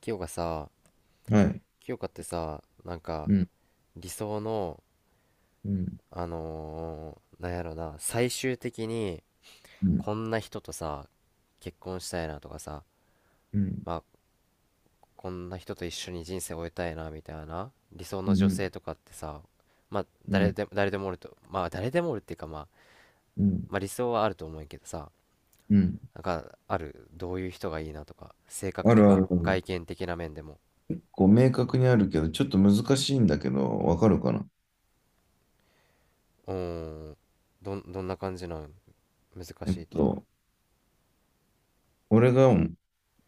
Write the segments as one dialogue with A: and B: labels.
A: 清香さ、
B: はい。
A: 清香ってさ、なんか
B: うん、
A: 理想の、
B: うん、
A: あのーなんやろな最終的に
B: うん、
A: こんな人とさ結婚したいなとかさ、
B: うん、
A: まあ、こんな人と一緒に人生を終えたいなみたいな理想
B: う
A: の女
B: ん、
A: 性とかってさ、まあ
B: う
A: 誰
B: ん、
A: で誰でもおるとまあ誰でもおるっていうか、まあ、
B: うん、
A: まあ理想はあると思うけどさ。
B: うん。
A: なんかある、どういう人がいいなとか性格
B: あ
A: と
B: るあ
A: か
B: るある。
A: 外見的な面でも。
B: こう、明確にあるけど、ちょっと難しいんだけど、わかるかな？
A: うーん。どんな感じなん？難
B: えっ
A: しいって？
B: と、俺が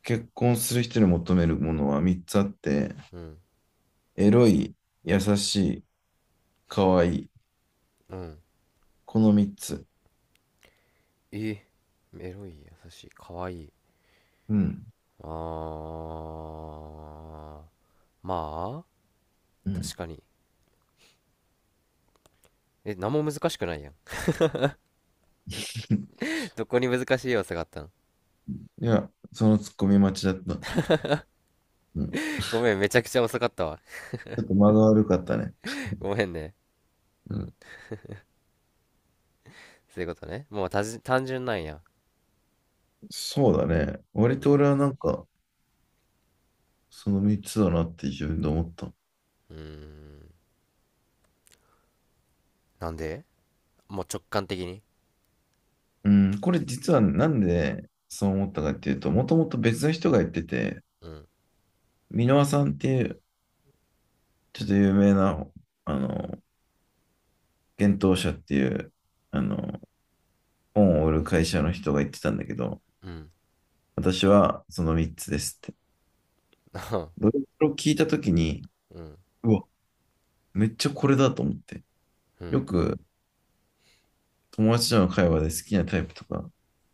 B: 結婚する人に求めるものは3つあって、
A: うん、
B: エロい、優しい、可愛い。
A: うん。
B: この3つ。
A: え、エロい、優しい、可愛いい。
B: うん、
A: あー、まあ
B: うん。
A: 確かに。え、何も難しくないやん。 どこに難しい要素があったの？
B: いや、そのツッコミ待ちだった。うん。ち
A: ごめん、めちゃくちゃ遅かったわ。
B: ょっと間が悪かったね。
A: ごめんね。
B: うん。
A: そういうことね。もう、単純なんや。
B: そうだね。
A: う
B: 割
A: ん。
B: と俺はなんか、その3つだなって自分で思った。
A: うーん、なんで？もう直感的に？
B: うん、これ実はなんでそう思ったかっていうと、もともと別の人が言ってて、
A: うん、
B: 箕輪さんっていうちょっと有名な、あの、幻冬舎っていう、あの、本を売る会社の人が言ってたんだけど、
A: うん。
B: 私はその3つですって。ど れを聞いたときに、
A: うん、
B: うわ、めっちゃこれだと思って。
A: う
B: よ
A: ん、
B: く友達との会話で好きなタイプとか、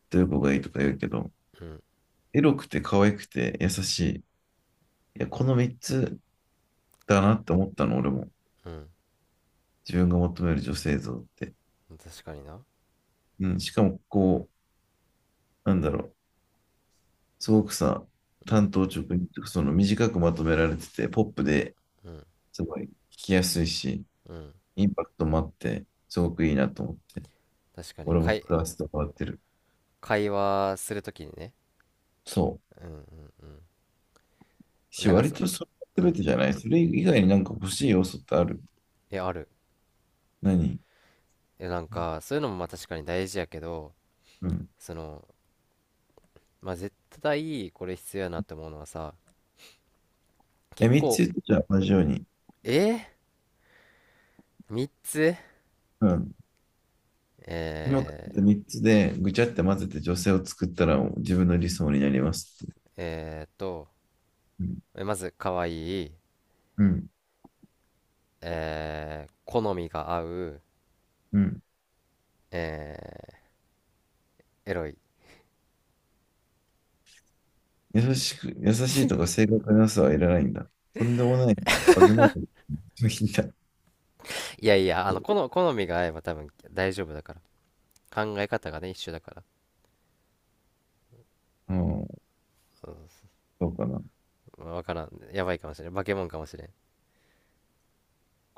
B: どういう子がいいとか言うけど、
A: うん、
B: エロくて可愛くて優しい。いや、この3つだなって思ったの、俺も。
A: う
B: 自分が求める女性像って。
A: ん。確かにな。
B: うん。しかも、こう、なんだろう、すごくさ、
A: う
B: 単
A: ん、
B: 刀直入とかその短くまとめられてて、ポップで
A: うん、
B: すごい聞きやすいし、
A: うん。
B: インパクトもあって、すごくいいなと思って、
A: 確かに
B: 俺も使わせてもらってる。
A: 会話するときにね。
B: そ
A: うん、うん、うん。
B: う。
A: なんか
B: 割
A: さ。
B: とそれ
A: う
B: が全
A: ん。
B: てじゃない。それ以外になんか欲しい要素ってある？
A: え、ある。
B: 何？
A: え、なんか、そういうのもまあ確かに大事やけど、
B: うん。
A: その、まあ絶対これ必要やなって思うのはさ、結
B: え、3つ
A: 構。
B: 言ってじゃあ同じように。
A: え、 3 つ？
B: うん。今から言
A: え
B: っ
A: ー、
B: た3つでぐちゃって混ぜて女性を作ったら自分の理想になりますって。
A: えーっと、
B: うん。
A: まず、可愛い、
B: うん。
A: 好みが合う、
B: うん。
A: えエロい。
B: 優しいとか正確なさはいらないんだ。とんでもない化け物の日だって。
A: いやいや、好みが合えば多分大丈夫だから。考え方がね、一緒だから。
B: うん、そうかな。
A: まあわからん。やばいかもしれん。化け物かもしれん。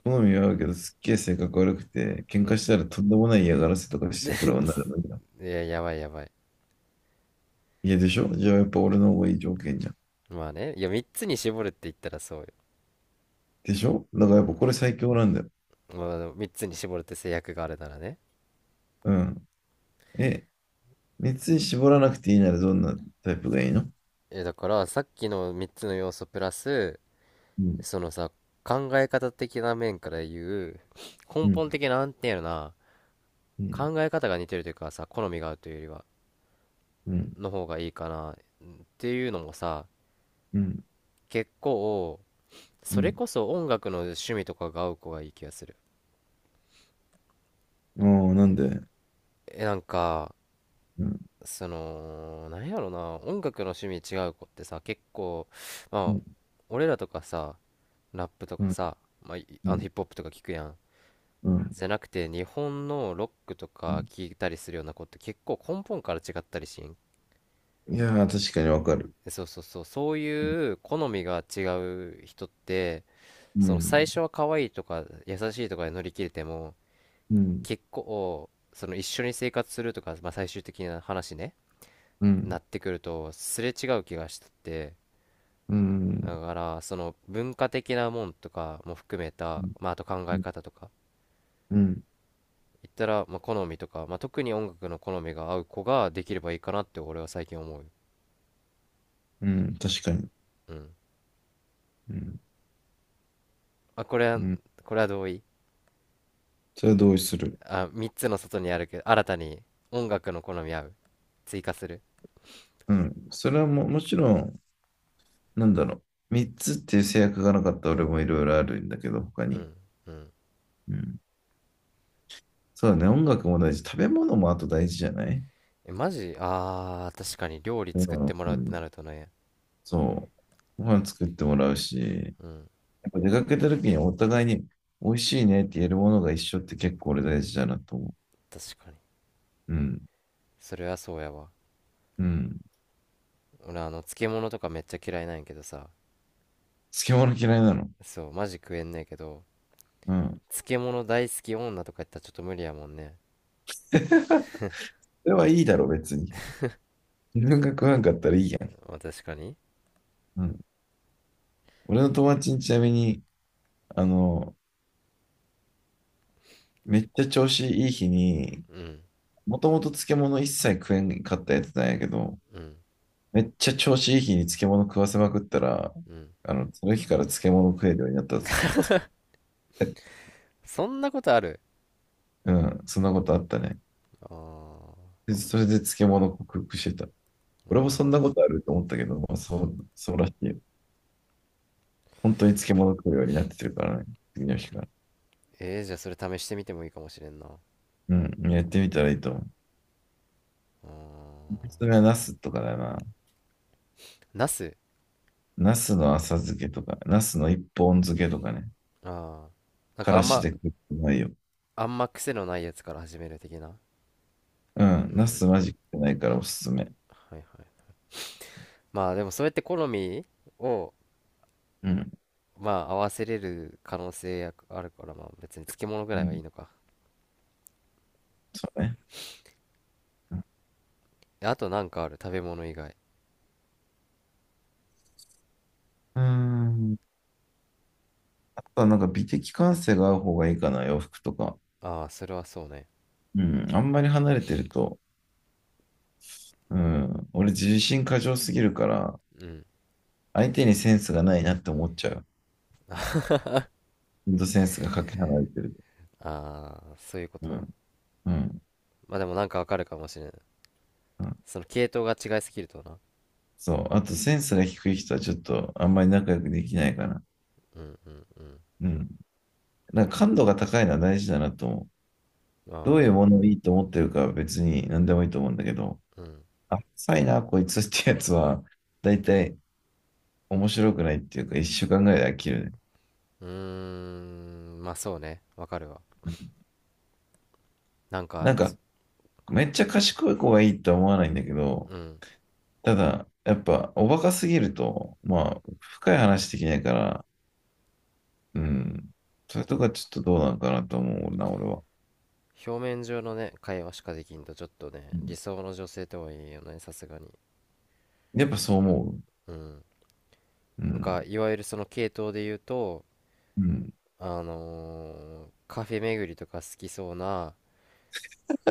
B: 好みは合うけど、すっげえ性格悪くて、喧
A: うん。
B: 嘩したらとんでもない嫌がらせとかしてくる女だもんだ。
A: いや、やばい、やばい。
B: いやでしょ、じゃあやっぱ俺の方がいい条件じゃん。
A: まあね、いや、3つに絞るって言ったらそうよ。
B: でしょ、だからやっぱこれ最強なんだよ。
A: まあ、3つに絞るって制約があるならね。
B: うん。え、熱に絞らなくていいならどんなタイプがいいの？
A: だからさっきの3つの要素プラス、
B: うん、
A: そのさ、考え方的な面から言う、
B: う
A: 根
B: ん、
A: 本的な、なんていうのかな、
B: うん、
A: 考え方が似てるというかさ、好みが合うというよりは
B: うん、
A: の方がいいかなっていうのもさ、
B: うん、
A: 結構、
B: う
A: それ
B: ん。
A: こそ音楽の趣味とかが合う子がいい気がする。
B: ああ、なんで？
A: なんか、
B: うん、
A: その、なんやろな、音楽の趣味違う子ってさ、結構、
B: う
A: まあ、
B: ん、
A: 俺らとかさ、ラップと
B: う
A: か
B: ん、
A: さ、まあ、いあ
B: う
A: のヒ
B: ん。
A: ップホップとか聞くやん。
B: う
A: じゃなくて日本のロックとか
B: ん、
A: 聞いたりするような子って結構根本から違ったりしん。
B: いやー、確かにわかる。
A: そうそうそう、そう
B: うん、
A: いう好みが違う人って、
B: う
A: その最
B: ん、
A: 初は可愛いとか優しいとかで乗り切れても、
B: うん、
A: 結構その一緒に生活するとか、まあ、最終的な話ね、
B: う
A: な
B: ん、
A: ってくるとすれ違う気がしてて、
B: うん、
A: だからその文化的なもんとかも含め
B: う
A: た、
B: ん、
A: まあ、あと考え方とか、
B: うん、
A: 言ったら、まあ、好みとか、まあ、特に音楽の好みが合う子ができればいいかなって俺は最近思う。
B: うん、確かに。
A: うん。
B: うん、
A: あ、これは、
B: うん。
A: 同意。
B: それは同意する。
A: あ、3つの外にあるけど、新たに音楽の好み合う。追加する。
B: うん。それは、もちろん、なんだろう。三つっていう制約がなかったら俺もいろいろあるんだけど、他
A: う
B: に。
A: ん。うん。
B: うん。そうだね。音楽も大事。食べ物もあと大事じゃない？
A: え、マジ、確かに料理
B: う
A: 作ってもらうって
B: ん、
A: なるとね。
B: そう。ご飯作ってもらうし、
A: うん。
B: やっぱ出かけた時にお互いに美味しいねって言えるものが一緒って結構俺大事だなと思
A: 確かに。
B: う。うん。
A: それはそうやわ。
B: うん。
A: 俺、漬物とかめっちゃ嫌いなんやけどさ。
B: 漬物嫌いなの？
A: そう、マジ食えんねえけど、
B: うん。
A: 漬物大好き女とか言ったらちょっと無理やもんね。
B: それはいいだろ、別に。自分が食わんかったらいいやん。
A: まあ、確かに。
B: うん。俺の友達にちなみに、あの、めっちゃ調子いい日に、
A: うん。
B: もともと漬物一切食えんかったやつなんやけど、
A: うん。
B: めっちゃ調子いい日に漬物食わせまくったら、
A: うん。
B: その日から漬物食えるようになったぞ、そいつ。え
A: そんなことある？
B: うん、そんなことあったね。
A: あー。
B: でそれで漬物克服してた。
A: あ
B: 俺もそんな
A: ー。
B: ことあると思ったけど、まあ、
A: うん。
B: そうらしいよ。本当に漬物食うようになってるからね、次の日から。
A: じゃあそれ試してみてもいいかもしれんな。
B: うん、やってみたらいいと思う。
A: あー。
B: それはナスとかだな。
A: ナス？
B: ナスの浅漬けとか、ナスの一本漬けとかね。
A: ああー、なん
B: か
A: か
B: らしで食ってないよ。
A: あんま癖のないやつから始める的な。
B: うん。
A: う
B: ナ
A: ん。
B: スマジ食ってないからおすすめ。
A: はいはい。まあでもそうやって好みを、
B: うん。
A: まあ、合わせれる可能性やあるから、まあ別に漬物ぐ
B: う
A: らいはいい
B: ん。
A: のか。
B: そうね。
A: あとなんかある、食べ物以外？
B: うん。あとはなんか美的感性が合う方がいいかな、洋服とか。
A: ああ、それはそうね。
B: うん。あんまり離れてると、うん。俺自信過剰すぎるから、
A: うん。
B: 相手にセンスがないなって思っちゃう。ほんとセンスがかけ離れてる。
A: ああ、そういうこ
B: う
A: と。
B: ん。うん。
A: まあでもなんかわかるかもしれん。
B: うん、
A: その系統が違いすぎるとな。
B: そう。あとセンスが低い人はちょっとあんまり仲良くできないかな。
A: うん、うん、うん。
B: うん。なんか感度が高いのは大事だなと思う。
A: あ
B: どういう
A: あ、
B: ものをいいと思ってるかは別に何でもいいと思うんだけど、
A: うん。
B: あ、さいな、こいつってやつは、だいたい面白くないっていうか、一週間ぐらいで飽きるね。
A: うーん、まあそうね、わかるわ。なん
B: な
A: か、
B: んか、
A: す
B: めっちゃ賢い子がいいとは思わないんだけど、
A: うん。
B: ただ、やっぱ、おバカすぎると、まあ、深い話できないから、うん、それとかちょっとどうなのかなと思うな、俺は。
A: 表面上のね、会話しかできんと、ちょっとね、
B: うん、
A: 理想の女性とは言えよね、さすがに。
B: やっぱそう思う。
A: うん。
B: う
A: なん
B: ん、
A: か、いわゆるその系統で言うと、
B: うん、
A: あのカフェ巡りとか好きそうな、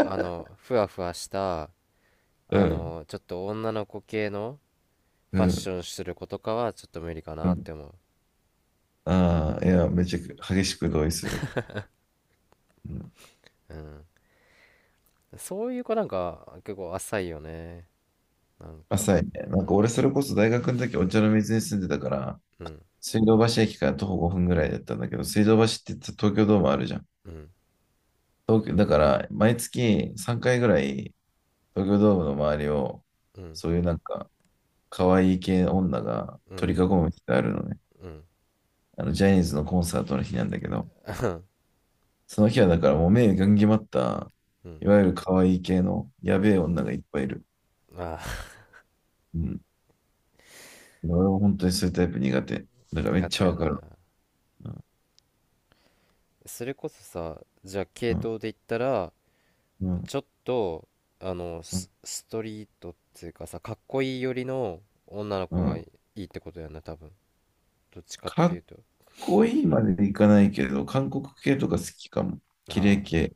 A: ふわふわした、
B: うん、
A: ちょっと女の子系の
B: う
A: ファッ
B: ん、
A: ションする子とかは、ちょっと無理か
B: う
A: なっ
B: ん。
A: て思
B: ああ、いや、めちゃく激しく同意する。うん、
A: う。うん。そういう子なんか、結構浅いよね。なんか。
B: 浅いね。なんか俺それこそ大学の時お茶の水に住んでたから、
A: うん。
B: 水道橋駅から徒歩5分ぐらいだったんだけど、水道橋って言ったら東京ドームあるじゃん。
A: うん、
B: 東京、だから毎月3回ぐらい東京ドームの周りを、
A: うん、
B: そういうなんか可愛い系女が
A: うん、
B: 取り囲む日があるのね。
A: うん、
B: ジャニーズのコンサートの日なんだけど、その日はだからもう目がんぎまった、
A: うん、
B: いわゆる可愛い系のや
A: う
B: べ
A: ん。
B: え女がいっぱいいる。
A: あ
B: うん、俺は本当にそういうタイプ苦手。だか
A: ー、
B: らめっ
A: 苦
B: ち
A: 手
B: ゃ
A: や
B: わか
A: な。
B: る。うん、
A: それこそさ、じゃあ
B: う
A: 系
B: ん、
A: 統で言ったら、
B: うん、
A: ちょっと、
B: うん。
A: ストリートっていうかさ、かっこいい寄りの女の
B: う
A: 子が
B: ん、
A: いいってことやな、多分。どっちかっ
B: か
A: てい
B: っ
A: うと。
B: こいいまでいかないけど、韓国系とか好きかも。綺麗
A: ああ。
B: 系。